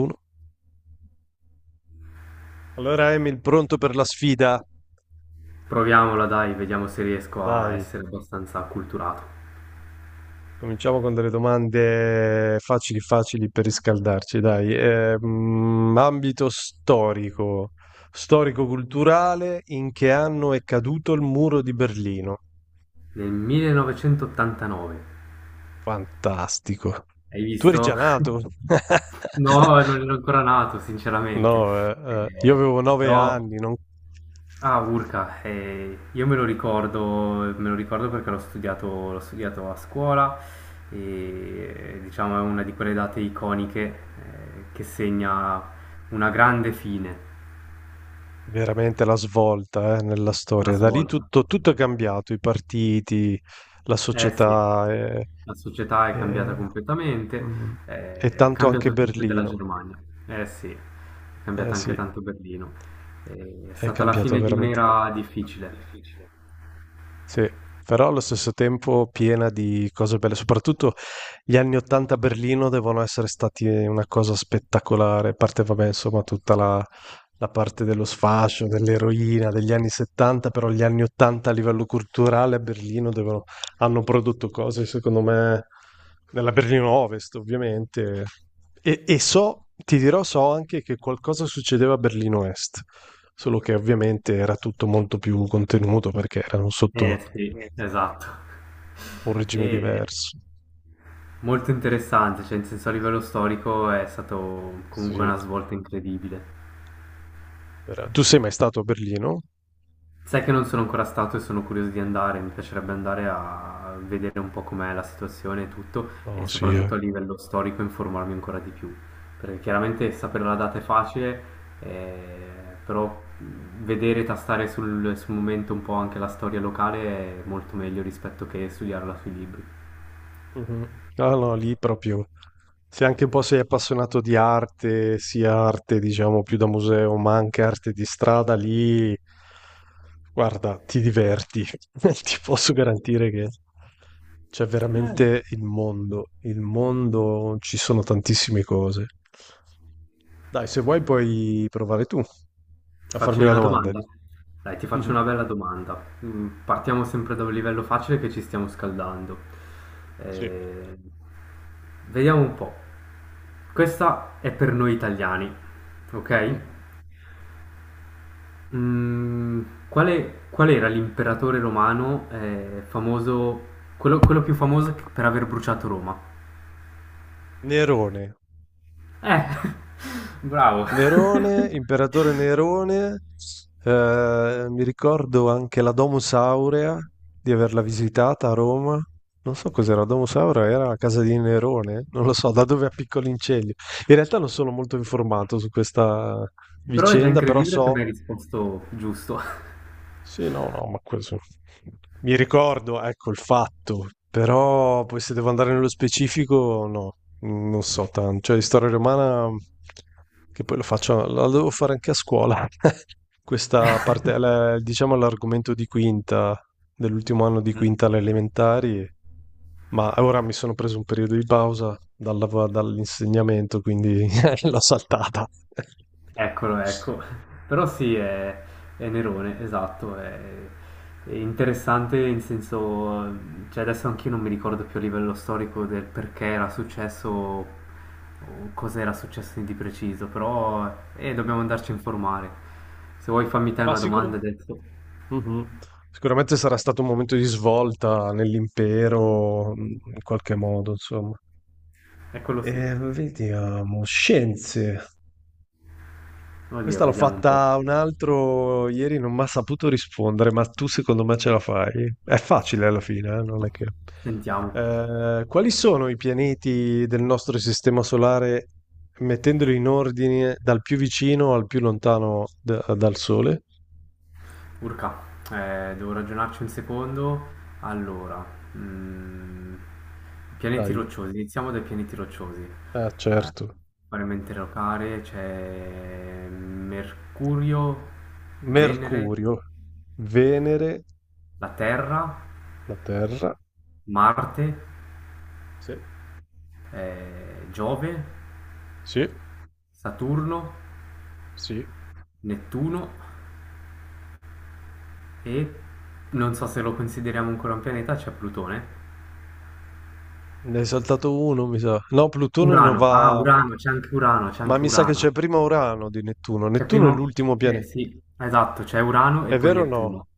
Uno. Allora, Emil, pronto per la sfida? Proviamola dai, vediamo se riesco a Dai, essere abbastanza acculturato. cominciamo con delle domande facili facili per riscaldarci, dai. Ambito storico, storico-culturale, in che anno è caduto il muro di Berlino? Nel 1989, Fantastico. hai Tu eri già visto? nato? No, non ero ancora nato, sinceramente. No, io Eh, avevo nove però, anni, non... ah, Urca, io me lo ricordo perché l'ho studiato a scuola e diciamo è una di quelle date iconiche che segna una grande fine, Veramente la svolta, nella la storia. Da lì svolta. tutto è cambiato, i partiti, la Eh sì, società e, la società è cambiata e- completamente, mm, e è tanto anche cambiato tutto della Berlino. Germania. Eh sì, è Eh cambiata sì, anche tanto Berlino. È è stata la cambiato fine di veramente. un'era difficile. Sì, però allo stesso tempo piena di cose belle, soprattutto gli anni 80 a Berlino devono essere stati una cosa spettacolare, a parte vabbè, insomma, la parte dello sfascio, dell'eroina degli anni 70, però gli anni 80 a livello culturale a Berlino hanno prodotto cose, secondo me, nella Berlino Ovest, ovviamente. E so, ti dirò, so anche che qualcosa succedeva a Berlino Est, solo che ovviamente era tutto molto più contenuto perché erano sotto Eh sì, esatto. un regime E diverso. molto interessante, cioè in senso a livello storico è stato comunque Sì. una svolta incredibile. Tu sei mai stato a Berlino? Sai che non sono ancora stato e sono curioso di andare, mi piacerebbe andare a vedere un po' com'è la situazione e tutto, e No, sì, eh. soprattutto a livello storico informarmi ancora di più, perché chiaramente sapere la data è facile, però vedere, tastare sul momento un po' anche la storia locale è molto meglio rispetto che studiarla sui libri. Mhm. Ah no, lì proprio. Se anche un po' sei appassionato di arte, sia arte, diciamo, più da museo, ma anche arte di strada, lì, guarda, ti diverti. Ti posso garantire che c'è veramente il mondo. Il mondo, ci sono tantissime cose. Dai, se vuoi puoi provare tu Ti a farmi faccio io una una domanda. domanda? Dai, ti faccio una Mhm. bella domanda. Partiamo sempre da un livello facile che ci stiamo scaldando. Sì. Eh, vediamo un po'. Questa è per noi italiani, ok? Mh. Mm, qual era l'imperatore romano famoso, quello più famoso per aver bruciato Roma? Nerone. Eh, bravo. Nerone, imperatore Nerone, mi ricordo anche la Domus Aurea di averla visitata a Roma. Non so cos'era, la Domus Aurea era la casa di Nerone? Non lo so, da dove a Piccolo Inceglio. In realtà non sono molto informato su questa Però è già vicenda, però incredibile che so. mi hai risposto giusto. Sì, no, no, ma questo... Mi ricordo, ecco, il fatto, però poi se devo andare nello specifico, no, non so tanto. Cioè, di storia romana, che poi lo faccio, la devo fare anche a scuola. Questa parte, diciamo, l'argomento di quinta, dell'ultimo anno di quinta alle elementari, ma ora mi sono preso un periodo di pausa dall'insegnamento, quindi l'ho saltata. Eccolo, ecco. Però sì, è Nerone, esatto, è interessante in senso, cioè adesso anch'io non mi ricordo più a livello storico del perché era successo o cosa era successo di preciso, però Mh-mh. dobbiamo andarci a informare. Se vuoi fammi te Ma una sicuro, domanda adesso. mh-mh. Sicuramente sarà stato un momento di svolta nell'impero, mhmm, in qualche modo, insomma. Eccolo sì. Vediamo, scienze. Oddio, Questa l'ho vediamo un po'. fatta un altro ieri, non mi ha saputo rispondere, ma tu secondo me ce la fai? È facile alla fine, non è che... Sentiamo. Quali sono i pianeti del nostro sistema solare, mettendoli in ordine dal più vicino al più lontano dal Sole? Urca, devo ragionarci un secondo. Allora, mm, pianeti Dai, rocciosi, iniziamo dai pianeti rocciosi. ah, certo. Paramente locare c'è Mercurio, Venere, Mercurio, Venere, la Terra, la Terra. Marte, Sì, Giove, sì, Saturno, sì. Nettuno e non so se lo consideriamo ancora un pianeta, c'è Plutone. Ne hai saltato uno, mi sa. No, Plutone non Urano, va. Urano, c'è Ma anche mi sa che Urano. c'è prima Urano di Nettuno. C'è Nettuno è prima, l'ultimo pianeta. sì, esatto, c'è Urano e È poi vero o no? Nettuno.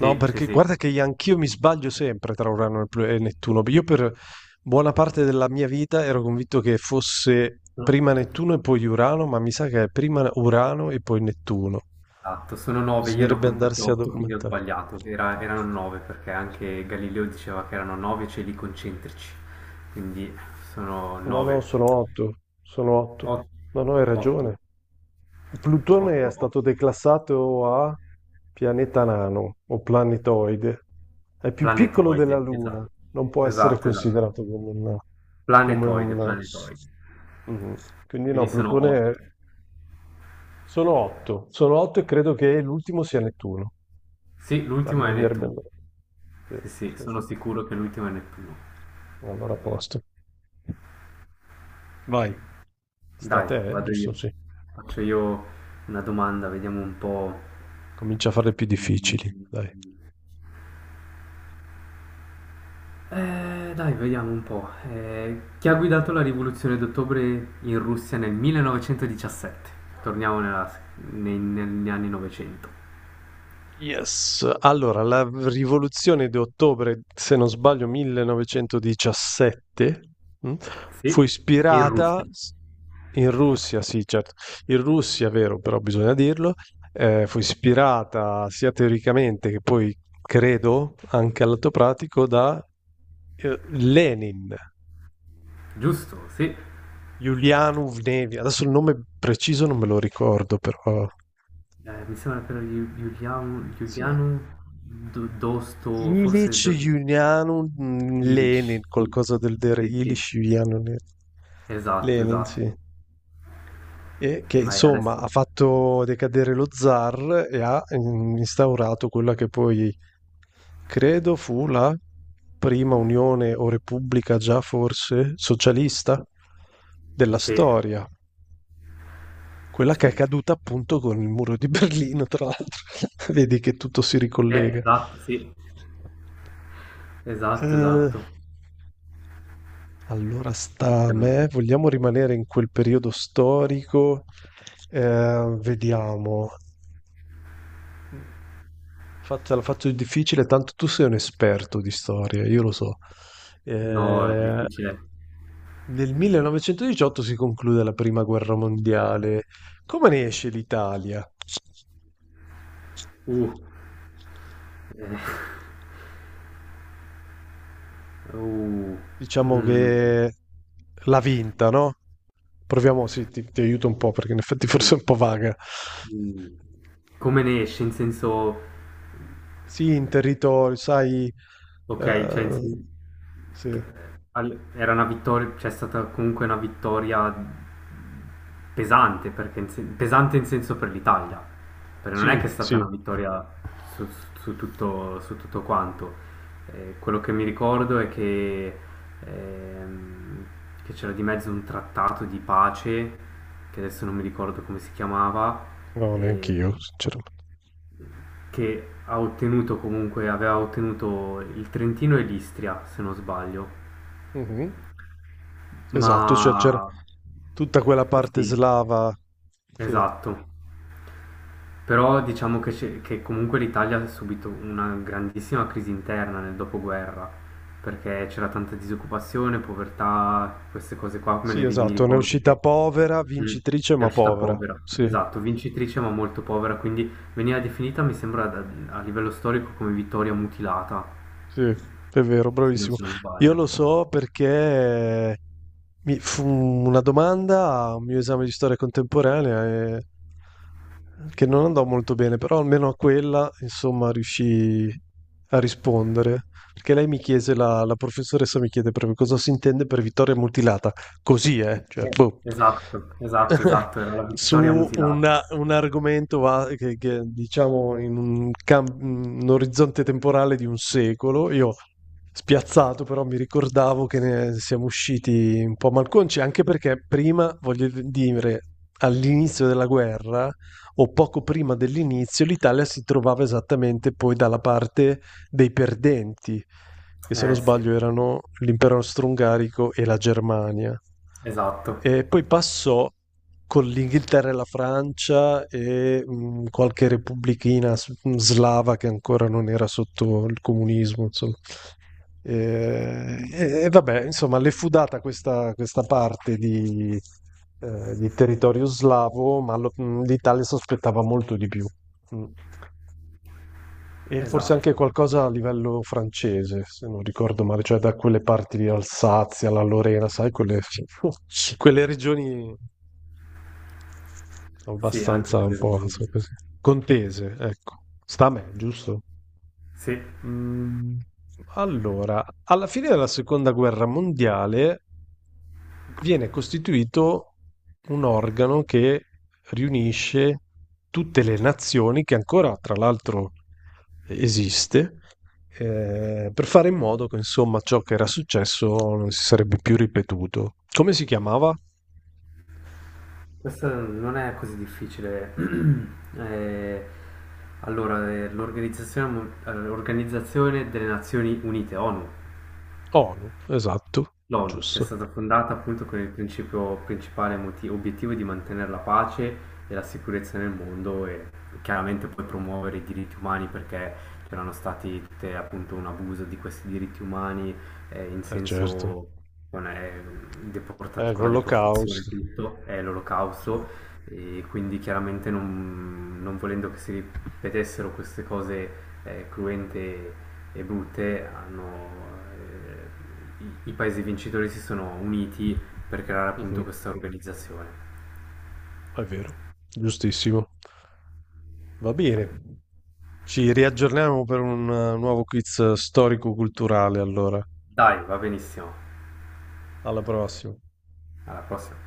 No, sì, perché sì. guarda che anch'io mi sbaglio sempre tra Urano e e Nettuno. Io per buona parte della mia vita ero convinto che fosse No. prima Nettuno e poi Urano, ma mi sa che è prima Urano e poi Nettuno. Esatto, sono nove, io ne ho Bisognerebbe contati andarsi a otto, quindi ho documentare. sbagliato. Erano nove perché anche Galileo diceva che erano nove cieli concentrici, quindi sono No, no, nove. sono otto. Sono otto. Ot- No, no, hai Otto, ragione. Plutone è otto, otto. stato declassato a pianeta nano o planetoide. È più piccolo della Planetoide, Luna, esatto, non può essere esatto, esatto. considerato come un, come Planetoide, un- planetoide. mhm. Quindi Quindi no, sono otto. Sono otto e credo che l'ultimo sia Nettuno. Sì, Ma l'ultimo è bisognerebbe Nettuno. andare. Sì, Sì, sì, sì, sono sì. sicuro che l'ultimo è Nettuno. Allora a posto. Vai, sta a Dai, te, eh? vado io. Giusto? Sì. Faccio io una domanda, vediamo un po'. Comincia a fare più difficili, dai. Mm, dai, vediamo un po'. Chi ha guidato la rivoluzione d'ottobre in Russia nel 1917? Torniamo negli anni 900. Yes, allora la rivoluzione di ottobre, se non sbaglio 1917, mm, Sì, fu in ispirata Russia. s- in Russia, sì, certo, in Russia, vero, però bisogna dirlo, fu ispirata sia teoricamente che poi credo anche all'atto pratico da Lenin, Giusto, sì. Julianov Nevia, adesso il nome preciso non me lo ricordo, però Mi sembra per Giuliano, sì. Giuliano Dosto, forse Ilic Julianum Lenin, Ilich, sì. qualcosa del genere, Sì, sì. Esatto, Lenin, sì. esatto. E che Vai, insomma adesso. ha fatto decadere lo zar e ha mm, instaurato quella che poi credo fu la prima unione o repubblica già forse socialista della Sì, storia, quella che è sì. caduta appunto con il muro di Berlino, tra l'altro. Vedi che tutto si ricollega. Esatto, sì. Esatto, Eh, esatto. Allora sta a me, Effettivamente. vogliamo rimanere in quel periodo storico? Vediamo. Fatta, la faccio difficile, tanto tu sei un esperto di storia, io lo so. No, è Eh, difficile. nel 1918 si conclude la prima guerra mondiale. Come ne esce l'Italia? Uh, eh, uh, Diciamo mm, che l'ha vinta, no? Proviamo, sì, ti aiuto un po' perché in effetti forse sì. è un po' vaga. Mm. Come ne esce, in senso... Sì, in territorio, sai, Ok, eh, sì, che- era una vittoria, c'è stata comunque una vittoria pesante, perché pesante in senso per l'Italia, perché non è che è sì, stata sì, una vittoria su, su tutto quanto. Quello che mi ricordo è che ehm, che c'era di mezzo un trattato di pace, che adesso non mi ricordo come si chiamava, no, neanch'io, e sinceramente. che ha ottenuto comunque aveva ottenuto il Trentino e l'Istria, se non sbaglio. Mhm. Esatto, cioè c'era Ma tutta quella parte sì, slava che, esatto. Però diciamo che comunque l'Italia ha subito una grandissima crisi interna nel dopoguerra, perché c'era tanta disoccupazione, povertà, queste cose qua, sì, mi esatto, ne è ricordo uscita che povera, mm, vincitrice è ma uscita povera, povera, sì. esatto, vincitrice ma molto povera, quindi veniva definita, mi sembra, a livello storico come vittoria mutilata. Sì, è vero, Se non, bravissimo. se non Io sbaglio. lo so perché mi fu una domanda a un mio esame di storia contemporanea e- eh, che non andò molto bene, però almeno a quella, insomma, riuscii a rispondere. Perché lei mi chiese, la professoressa mi chiede proprio cosa si intende per vittoria mutilata. Così, eh? Cioè, boh. Esatto, esatto, esatto, era la vittoria Su mutilata. Un argomento che, diciamo in un orizzonte temporale di un secolo. Io spiazzato, però mi ricordavo che ne siamo usciti un po' malconci, anche perché prima, voglio dire, all'inizio della guerra o poco prima dell'inizio, l'Italia si trovava esattamente poi dalla parte dei perdenti, che se non Eh sì, sbaglio erano l'impero austro-ungarico e la Germania. esatto, E poi passò con l'Inghilterra e la Francia e qualche repubblichina slava che ancora non era sotto il comunismo, insomma. E, e vabbè, insomma, le fu data questa, questa parte di territorio slavo, ma l'Italia sospettava molto di più. Mm. E forse esatto, anche esatto. qualcosa a livello francese, se non ricordo male, cioè da quelle parti di Alsazia, la Lorena, sai, quelle, quelle regioni Sì, anche abbastanza per un le po' ragioni so di... così, contese, ecco. Sta a me, giusto? Sì, Mm, allora, alla fine della seconda guerra mondiale viene costituito un organo che riunisce tutte le nazioni che ancora, tra l'altro, esiste, per fare in modo che, insomma, ciò che era successo non si sarebbe più ripetuto. Come si chiamava? questo non è così difficile. Eh, allora, l'Organizzazione delle Nazioni Unite, ONU, ONU, esatto, L'ONU, che è giusto. stata fondata appunto con il principio principale obiettivo di mantenere la pace e la sicurezza nel mondo e chiaramente poi promuovere i diritti umani perché c'erano stati tutte, appunto un abuso di questi diritti umani in Eh certo, senso con, eh, è con la deportazione e l'olocausto. tutto, è l'olocausto e quindi chiaramente non volendo che si vedessero queste cose cruente e brutte, hanno, i paesi vincitori si sono uniti per creare Cioè, appunto questa organizzazione. è vero, giustissimo. Va bene, ci riaggiorniamo per un nuovo quiz storico-culturale allora. Dai, va benissimo. Alla prossima. Alla prossima.